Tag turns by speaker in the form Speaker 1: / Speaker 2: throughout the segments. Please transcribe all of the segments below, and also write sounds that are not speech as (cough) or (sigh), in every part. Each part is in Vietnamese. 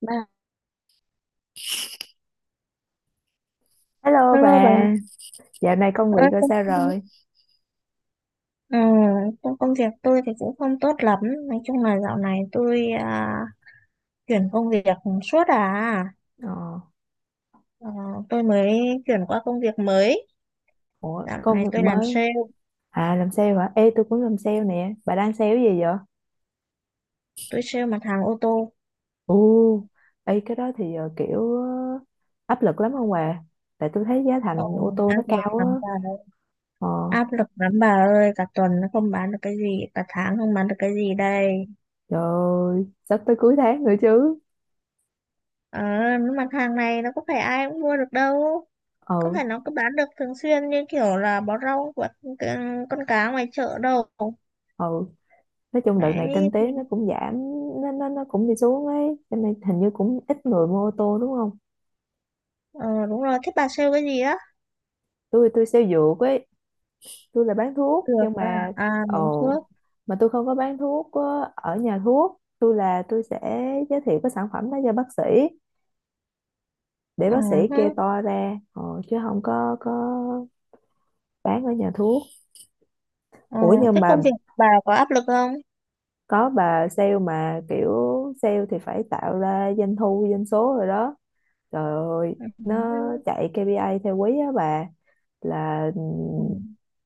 Speaker 1: Mà
Speaker 2: Hello
Speaker 1: hello bà,
Speaker 2: bà, dạo này công việc
Speaker 1: à,
Speaker 2: rồi
Speaker 1: công,
Speaker 2: sao rồi?
Speaker 1: ừ, trong công việc tôi thì cũng không tốt lắm. Nói chung là dạo này tôi chuyển công việc suốt à.
Speaker 2: Ờ,
Speaker 1: Ờ, tôi mới chuyển qua công việc mới.
Speaker 2: ủa,
Speaker 1: Dạo
Speaker 2: công
Speaker 1: này
Speaker 2: việc
Speaker 1: tôi làm
Speaker 2: mới.
Speaker 1: sale,
Speaker 2: À, làm sale hả? Ê, tôi cũng làm sale nè. Bà đang sale cái gì vậy?
Speaker 1: tôi sale mặt hàng ô tô.
Speaker 2: Ồ, ê, cái đó thì kiểu áp lực lắm không bà? Tại tôi thấy giá
Speaker 1: Ờ,
Speaker 2: thành ô tô nó
Speaker 1: Áp lực
Speaker 2: cao á.
Speaker 1: lắm bà ơi.
Speaker 2: Ờ,
Speaker 1: Áp lực lắm bà ơi, cả tuần nó không bán được cái gì, cả tháng không bán được cái gì đây.
Speaker 2: trời ơi, sắp tới cuối tháng nữa chứ.
Speaker 1: Ờ, những mặt hàng này nó có phải ai cũng mua được đâu. Có
Speaker 2: Ừ,
Speaker 1: phải nó cứ bán được thường xuyên như kiểu là bó rau của con cá ngoài chợ đâu.
Speaker 2: ừ. Nói chung đợt này kinh
Speaker 1: Đấy,
Speaker 2: tế nó
Speaker 1: thì-
Speaker 2: cũng giảm. Nó cũng đi xuống ấy. Cho nên hình như cũng ít người mua ô tô đúng không?
Speaker 1: ờ, đúng rồi, thế bà sale cái gì á?
Speaker 2: Tôi sale dược ấy, tôi là bán thuốc
Speaker 1: Được
Speaker 2: nhưng
Speaker 1: à,
Speaker 2: mà
Speaker 1: à mắm
Speaker 2: ồ,
Speaker 1: thuốc.
Speaker 2: mà tôi không có bán thuốc ở nhà thuốc, tôi là tôi sẽ giới thiệu cái sản phẩm đó cho bác sĩ để
Speaker 1: Ừ,
Speaker 2: bác sĩ kê
Speaker 1: hứ.
Speaker 2: toa ra chứ không có bán ở nhà thuốc.
Speaker 1: Ờ,
Speaker 2: Ủa nhưng
Speaker 1: thế
Speaker 2: mà
Speaker 1: công việc bà có áp lực không?
Speaker 2: có, bà sale mà kiểu sale thì phải tạo ra doanh thu doanh số rồi đó. Trời ơi,
Speaker 1: Ừ,
Speaker 2: nó
Speaker 1: hứ.
Speaker 2: chạy KPI theo quý á bà, là
Speaker 1: Ừ,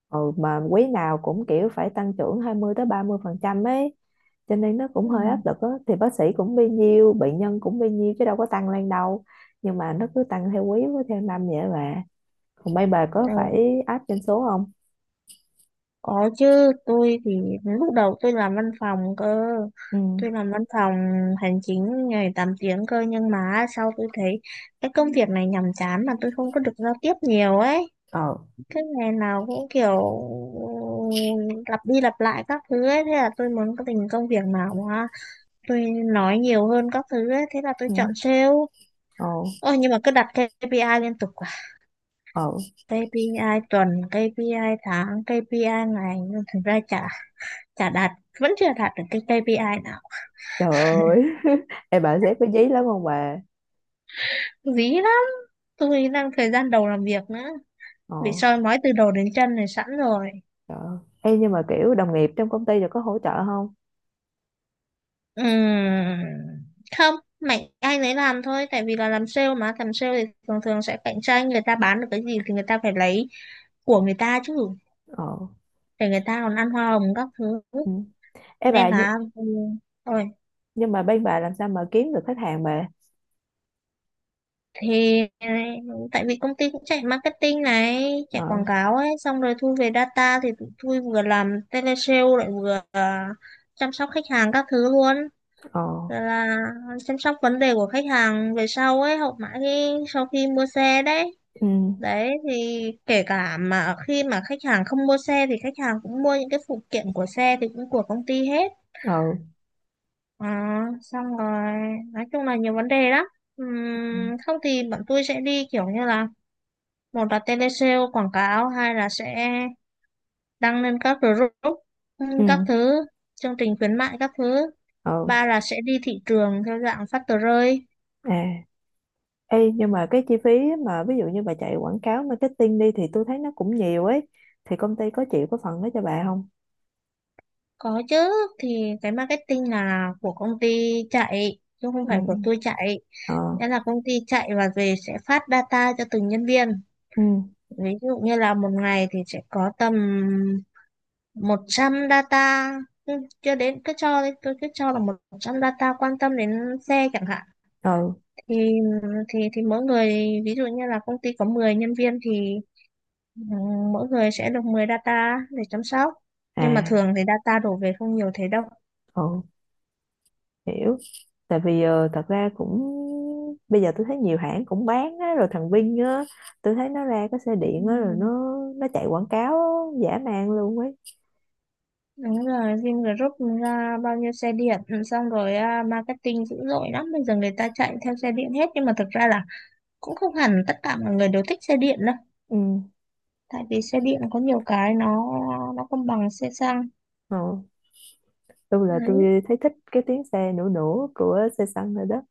Speaker 2: ừ, mà quý nào cũng kiểu phải tăng trưởng 20 tới 30% ấy, cho nên nó cũng
Speaker 1: ừ,
Speaker 2: hơi áp lực á, thì bác sĩ cũng bấy nhiêu, bệnh nhân cũng bấy nhiêu chứ đâu có tăng lên đâu. Nhưng mà nó cứ tăng theo quý với theo năm vậy bà. Còn mấy bà có
Speaker 1: ừ.
Speaker 2: phải áp doanh số không?
Speaker 1: Có chứ, tôi thì lúc đầu tôi làm văn phòng cơ.
Speaker 2: Ừ,
Speaker 1: Tôi làm văn phòng hành chính ngày 8 tiếng cơ, nhưng mà sau tôi thấy cái công việc này nhàm chán mà tôi không có được giao tiếp nhiều ấy.
Speaker 2: ờ,
Speaker 1: Cái ngày nào cũng kiểu ừ, lặp đi lặp lại các thứ ấy, thế là tôi muốn có tình công việc nào mà tôi nói nhiều hơn các thứ ấy, thế là tôi
Speaker 2: ừ,
Speaker 1: chọn sale.
Speaker 2: ờ,
Speaker 1: Ôi, nhưng mà cứ đặt KPI liên tục quá,
Speaker 2: ồ,
Speaker 1: KPI tuần, KPI tháng, KPI ngày, nhưng thực ra chả chả đạt, vẫn chưa đạt được cái KPI nào.
Speaker 2: trời ơi. (laughs) Em, bà sếp có dí lắm không bà?
Speaker 1: Dí lắm, tôi đang thời gian đầu làm việc nữa,
Speaker 2: Ờ,
Speaker 1: bị soi mói từ đầu đến chân này sẵn rồi.
Speaker 2: trời ơi. Ê, nhưng mà kiểu đồng nghiệp trong công ty rồi có hỗ trợ không?
Speaker 1: Ừm, Không, mạnh ai nấy làm thôi, tại vì là làm sale mà, làm sale thì thường thường sẽ cạnh tranh, người ta bán được cái gì thì người ta phải lấy của người ta chứ,
Speaker 2: Ờ,
Speaker 1: để người ta còn ăn hoa hồng các thứ.
Speaker 2: ừ. Ê
Speaker 1: Nên
Speaker 2: bà,
Speaker 1: là rồi
Speaker 2: nhưng mà bên bà làm sao mà kiếm được khách hàng bà?
Speaker 1: thì tại vì công ty cũng chạy marketing này,
Speaker 2: Ờ,
Speaker 1: chạy quảng cáo ấy, xong rồi thu về data thì tụi tôi vừa làm telesale lại vừa chăm sóc khách hàng các thứ luôn,
Speaker 2: ờ,
Speaker 1: rồi là chăm sóc vấn đề của khách hàng về sau ấy, hậu mãi khi sau khi mua xe đấy.
Speaker 2: ừ,
Speaker 1: Đấy thì kể cả mà khi mà khách hàng không mua xe thì khách hàng cũng mua những cái phụ kiện của xe thì cũng của công ty hết.
Speaker 2: ờ,
Speaker 1: Ờ, Xong rồi, nói chung là nhiều vấn đề lắm. Không thì bọn tôi sẽ đi kiểu như là, một là tele sale quảng cáo, hai là sẽ đăng lên các group,
Speaker 2: ừ,
Speaker 1: các thứ chương trình khuyến mại các thứ,
Speaker 2: ờ,
Speaker 1: ba là sẽ đi thị trường theo dạng phát tờ rơi.
Speaker 2: à. Ê, nhưng mà cái chi phí mà ví dụ như bà chạy quảng cáo marketing đi thì tôi thấy nó cũng nhiều ấy, thì công ty có chịu có phần đó cho bà không?
Speaker 1: Có chứ, thì cái marketing là của công ty chạy chứ không phải của
Speaker 2: Ừ,
Speaker 1: tôi chạy.
Speaker 2: ờ,
Speaker 1: Nghĩa là công ty chạy và về sẽ phát data cho từng nhân viên.
Speaker 2: ừ,
Speaker 1: Ví dụ như là một ngày thì sẽ có tầm 100 data, ừ, cho đến cứ cho đi, cứ cứ cho là 100 data quan tâm đến xe chẳng hạn,
Speaker 2: ờ,
Speaker 1: thì thì mỗi người, ví dụ như là công ty có 10 nhân viên thì ừ, mỗi người sẽ được 10 data để chăm sóc. Nhưng mà
Speaker 2: à,
Speaker 1: thường thì data đổ về không nhiều thế đâu.
Speaker 2: ờ, hiểu. Tại vì thật ra cũng, bây giờ tôi thấy nhiều hãng cũng bán á, rồi thằng Vinh á, tôi thấy nó ra cái xe
Speaker 1: Ừ,
Speaker 2: điện á, rồi nó chạy quảng cáo giả man luôn ấy.
Speaker 1: đúng rồi, Vingroup ra bao nhiêu xe điện, xong rồi marketing dữ dội lắm, bây giờ người ta chạy theo xe điện hết, nhưng mà thực ra là cũng không hẳn tất cả mọi người đều thích xe điện đâu.
Speaker 2: Ừ,
Speaker 1: Tại vì xe điện có nhiều cái nó không bằng xe xăng.
Speaker 2: ờ, tôi là
Speaker 1: Đấy,
Speaker 2: tôi thấy thích cái tiếng xe nổ nổ của xe xăng rồi đó.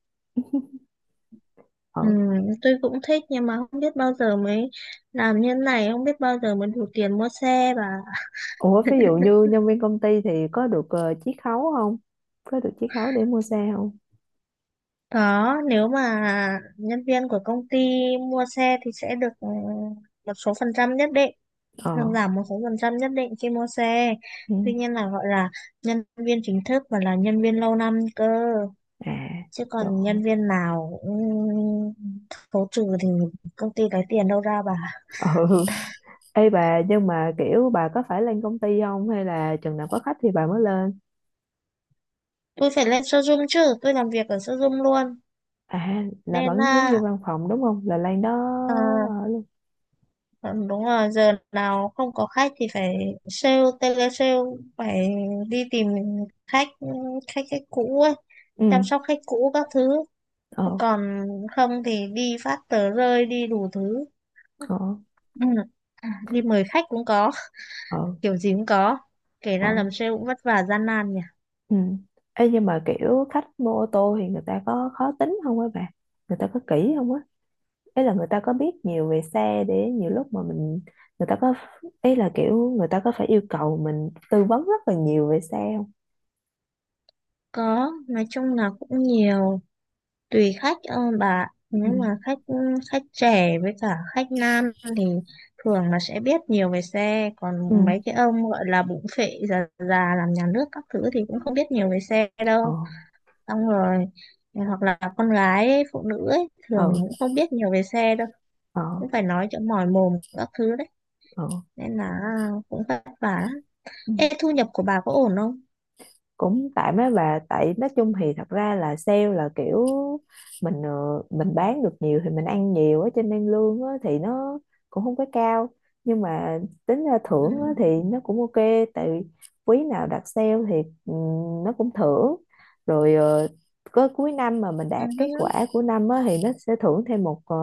Speaker 1: ừ,
Speaker 2: Ờ.
Speaker 1: tôi cũng thích nhưng mà không biết bao giờ mới làm như thế này, không biết bao giờ mới đủ tiền mua xe. Và
Speaker 2: Ủa ví dụ
Speaker 1: (laughs)
Speaker 2: như nhân viên công ty thì có được chiết khấu không, có được chiết khấu để mua xe không?
Speaker 1: có, nếu mà nhân viên của công ty mua xe thì sẽ được một số phần trăm nhất định,
Speaker 2: Ờ,
Speaker 1: hoặc giảm một số phần trăm nhất định khi mua xe.
Speaker 2: ừ,
Speaker 1: Tuy nhiên là gọi là nhân viên chính thức và là nhân viên lâu năm cơ,
Speaker 2: à,
Speaker 1: chứ
Speaker 2: trời
Speaker 1: còn
Speaker 2: ơi.
Speaker 1: nhân viên nào cũng khấu trừ thì công ty lấy tiền đâu ra bà.
Speaker 2: (laughs) Ừ. Ê bà, nhưng mà kiểu bà có phải lên công ty không hay là chừng nào có khách thì bà mới lên?
Speaker 1: Tôi phải lên showroom chứ, tôi làm việc ở showroom luôn,
Speaker 2: À là
Speaker 1: nên
Speaker 2: vẫn giống như
Speaker 1: là
Speaker 2: văn phòng đúng không, là lên đó
Speaker 1: ờ,
Speaker 2: ờ, luôn.
Speaker 1: ờ, đúng rồi, giờ nào không có khách thì phải sale, tele sale, phải đi tìm khách, khách cũ ấy,
Speaker 2: Ừ,
Speaker 1: chăm sóc khách cũ các thứ.
Speaker 2: ờ,
Speaker 1: Còn không thì đi phát tờ rơi, đi đủ thứ.
Speaker 2: ờ,
Speaker 1: Ừ, đi mời khách cũng có,
Speaker 2: ờ,
Speaker 1: kiểu gì cũng có, kể
Speaker 2: ờ,
Speaker 1: ra làm sale cũng vất vả gian nan nhỉ.
Speaker 2: ừ. Ê, nhưng mà kiểu khách mua ô tô thì người ta có khó tính không á bà? Người ta có kỹ không á? Ý là người ta có biết nhiều về xe để nhiều lúc mà mình, người ta có, ý là kiểu người ta có phải yêu cầu mình tư vấn rất là nhiều về xe không?
Speaker 1: Có, nói chung là cũng nhiều, tùy khách bà,
Speaker 2: Ừ.
Speaker 1: nếu mà khách khách trẻ với cả khách nam thì thường là sẽ biết nhiều về xe,
Speaker 2: Ừ.
Speaker 1: còn mấy cái ông gọi là bụng phệ già già làm nhà nước các thứ thì cũng không biết nhiều về xe
Speaker 2: Ờ.
Speaker 1: đâu. Xong rồi hoặc là con gái ấy, phụ nữ ấy,
Speaker 2: Ờ.
Speaker 1: thường cũng không biết nhiều về xe đâu,
Speaker 2: Ờ.
Speaker 1: cũng phải nói cho mỏi mồm các thứ đấy,
Speaker 2: Ờ.
Speaker 1: nên là cũng vất vả lắm.
Speaker 2: Ừ.
Speaker 1: Ê, thu nhập của bà có ổn không?
Speaker 2: Cũng tạm á bà, tại nói chung thì thật ra là sale là kiểu mình mình bán được nhiều thì mình ăn nhiều á, cho nên lương á thì nó cũng không có cao, nhưng mà tính ra thưởng á thì
Speaker 1: Ừ,
Speaker 2: nó cũng ok. Tại vì quý nào đạt sale thì nó cũng thưởng, rồi có cuối năm mà mình
Speaker 1: ừ,
Speaker 2: đạt kết
Speaker 1: ừ.
Speaker 2: quả của năm á thì nó sẽ thưởng thêm một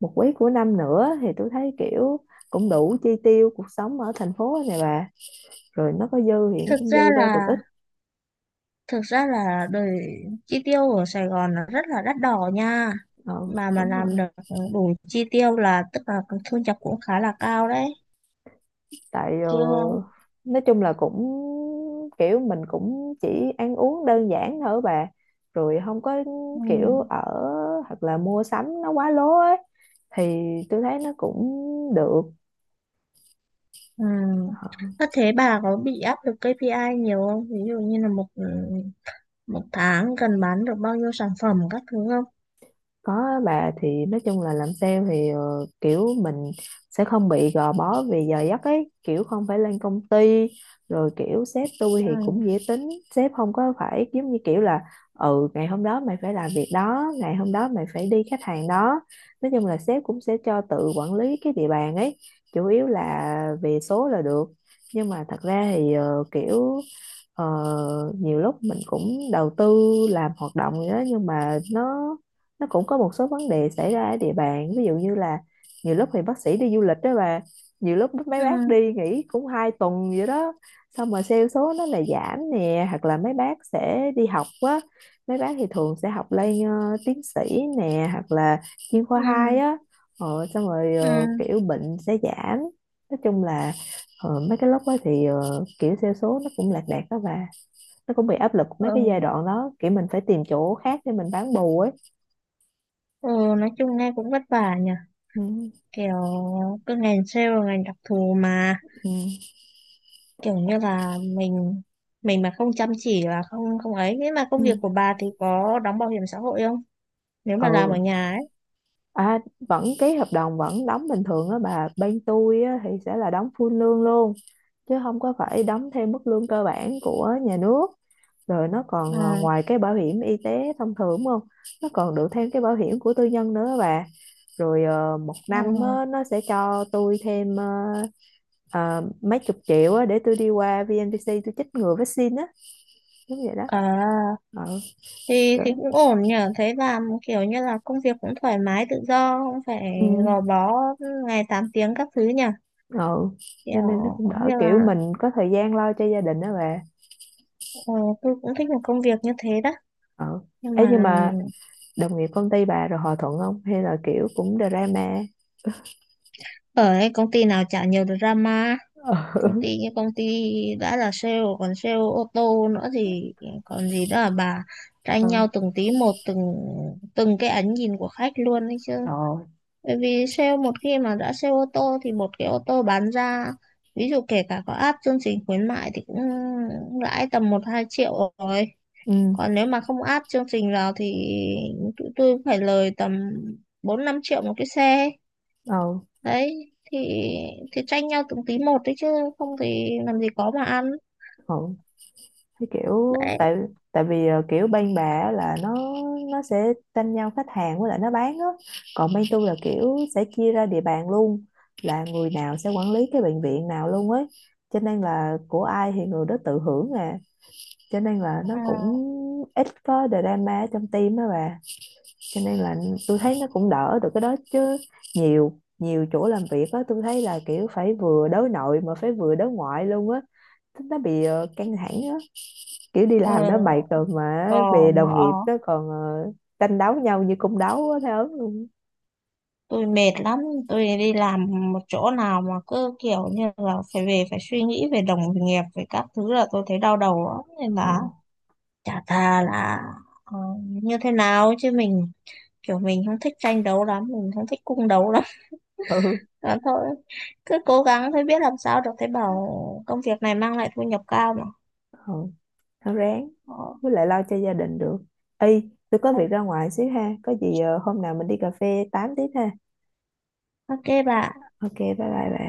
Speaker 2: một quý của năm nữa, thì tôi thấy kiểu cũng đủ chi tiêu cuộc sống ở thành phố này bà, rồi nó có dư thì nó
Speaker 1: Thực
Speaker 2: cũng
Speaker 1: ra
Speaker 2: dư ra được ít.
Speaker 1: là thực ra là đời chi tiêu ở Sài Gòn là rất là đắt đỏ nha,
Speaker 2: Ừ,
Speaker 1: mà
Speaker 2: đúng
Speaker 1: làm
Speaker 2: rồi.
Speaker 1: được đủ chi tiêu là tức là thu nhập cũng khá là cao đấy
Speaker 2: Tại
Speaker 1: chứ.
Speaker 2: nói chung là cũng kiểu mình cũng chỉ ăn uống đơn giản thôi bà, rồi không có
Speaker 1: Ừ,
Speaker 2: kiểu ở, hoặc là mua sắm nó quá lố ấy thì tôi thấy nó cũng được.
Speaker 1: ừ. Có, thế bà có bị áp lực KPI nhiều không, ví dụ như là một một tháng cần bán được bao nhiêu sản phẩm các thứ không.
Speaker 2: Có á bà, thì nói chung là làm sale thì kiểu mình sẽ không bị gò bó vì giờ giấc ấy, kiểu không phải lên công ty, rồi kiểu sếp tôi thì
Speaker 1: Ừ.
Speaker 2: cũng dễ tính, sếp không có phải giống như kiểu là ừ, ngày hôm đó mày phải làm việc đó, ngày hôm đó mày phải đi khách hàng đó. Nói chung là sếp cũng sẽ cho tự quản lý cái địa bàn ấy, chủ yếu là về số là được. Nhưng mà thật ra thì kiểu ờ, nhiều lúc mình cũng đầu tư làm hoạt động gì đó nhưng mà nó cũng có một số vấn đề xảy ra ở địa bàn, ví dụ như là nhiều lúc thì bác sĩ đi du lịch đó bà, nhiều lúc mấy
Speaker 1: Ừ.
Speaker 2: bác đi nghỉ cũng 2 tuần vậy đó, xong mà sale số nó là giảm nè, hoặc là mấy bác sẽ đi học á, mấy bác thì thường sẽ học lên tiến sĩ nè, hoặc là chuyên khoa
Speaker 1: Ừ.
Speaker 2: hai á. Ờ, xong rồi
Speaker 1: Ừ.
Speaker 2: ờ, kiểu bệnh sẽ giảm. Nói chung là mấy cái lúc đó thì kiểu sale số nó cũng lạc đạc đó bà, nó cũng bị áp lực mấy cái giai
Speaker 1: Ừ.
Speaker 2: đoạn đó, kiểu mình phải tìm chỗ khác để mình bán bù ấy.
Speaker 1: Ừ. Nói chung nghe cũng vất vả nhỉ,
Speaker 2: Ừ.
Speaker 1: kiểu cái ngành sale là ngành đặc thù mà,
Speaker 2: Ừ.
Speaker 1: kiểu như là mình mà không chăm chỉ là không, không ấy. Nhưng mà công việc
Speaker 2: Ừ.
Speaker 1: của bà thì có đóng bảo hiểm xã hội không, nếu mà làm ở
Speaker 2: Ừ.
Speaker 1: nhà ấy.
Speaker 2: À, vẫn ký hợp đồng vẫn đóng bình thường á bà, bên tôi á, thì sẽ là đóng full lương luôn, chứ không có phải đóng thêm mức lương cơ bản của nhà nước, rồi nó còn à,
Speaker 1: À,
Speaker 2: ngoài cái bảo hiểm y tế thông thường đúng không, nó còn được thêm cái bảo hiểm của tư nhân nữa á bà, rồi ờ, 1 năm
Speaker 1: à,
Speaker 2: á, nó sẽ cho tôi thêm ờ, mấy chục triệu á, để tôi đi qua VNVC tôi chích ngừa vaccine á, đúng vậy đó.
Speaker 1: à,
Speaker 2: Ờ, đó.
Speaker 1: thì cũng ổn nhỉ, thấy làm kiểu như là công việc cũng thoải mái tự do, không phải
Speaker 2: Ừ.
Speaker 1: gò bó ngày 8 tiếng các thứ nhỉ,
Speaker 2: Ừ, cho nên nó
Speaker 1: kiểu
Speaker 2: cũng đỡ,
Speaker 1: như
Speaker 2: kiểu
Speaker 1: là
Speaker 2: mình có thời gian lo cho gia đình đó bà.
Speaker 1: ờ, tôi cũng thích một công việc như thế đó.
Speaker 2: Ừ.
Speaker 1: Nhưng
Speaker 2: Ấy nhưng
Speaker 1: mà
Speaker 2: mà đồng nghiệp công ty bà rồi hòa thuận không hay là kiểu cũng drama?
Speaker 1: ở cái công ty nào chả nhiều drama, công
Speaker 2: Ừ.
Speaker 1: ty công ty đã là sale còn sale ô tô nữa thì còn gì đó là bà, tranh
Speaker 2: Ừ.
Speaker 1: nhau từng tí một, từng từng cái ánh nhìn của khách luôn đấy chứ.
Speaker 2: Rồi.
Speaker 1: Bởi vì sale, một khi mà đã sale ô tô thì một cái ô tô bán ra, ví dụ kể cả có áp chương trình khuyến mại thì cũng lãi tầm một hai triệu rồi,
Speaker 2: Ừ.
Speaker 1: còn nếu mà không áp chương trình vào thì tụi tôi cũng phải lời tầm bốn năm triệu một cái xe.
Speaker 2: Ừ.
Speaker 1: Đấy thì tranh nhau từng tí một đấy chứ, không thì làm gì có mà ăn.
Speaker 2: Ừ. Cái kiểu
Speaker 1: Đấy.
Speaker 2: tại, tại vì kiểu bên bà á là nó sẽ tranh nhau khách hàng với lại nó bán á, còn bên tôi là kiểu sẽ chia ra địa bàn luôn, là người nào sẽ quản lý cái bệnh viện nào luôn ấy, cho nên là của ai thì người đó tự hưởng nè, cho nên là nó
Speaker 1: À,
Speaker 2: cũng ít có drama ở trong team á bà, cho nên là tôi thấy nó cũng đỡ được cái đó chứ. Nhiều nhiều chỗ làm việc á, tôi thấy là kiểu phải vừa đối nội mà phải vừa đối ngoại luôn á, thế nó bị căng thẳng á, kiểu đi
Speaker 1: ừ,
Speaker 2: làm nó mệt rồi mà
Speaker 1: cò
Speaker 2: về đồng
Speaker 1: mỏ.
Speaker 2: nghiệp nó còn ờ, tranh đấu nhau như cung đấu á, thấy ớn luôn.
Speaker 1: Tôi mệt lắm, tôi đi làm một chỗ nào mà cứ kiểu như là phải về phải suy nghĩ về đồng nghiệp về các thứ là tôi thấy đau đầu lắm, nên
Speaker 2: Ờ.
Speaker 1: là chả thà là như thế nào chứ mình, kiểu mình không thích tranh đấu lắm, mình không thích cung đấu lắm.
Speaker 2: (laughs) Ừ.
Speaker 1: (laughs) Đó thôi, cứ cố gắng thôi, biết làm sao được, thấy bảo công việc này mang lại thu nhập cao mà.
Speaker 2: Ừ, nó ráng,
Speaker 1: Ờ,
Speaker 2: với lại lo cho gia đình được. Y tôi có việc ra ngoài xíu ha, có gì hôm nào mình đi cà phê tám tiếp ha.
Speaker 1: ok bà.
Speaker 2: Ok bye bye bà.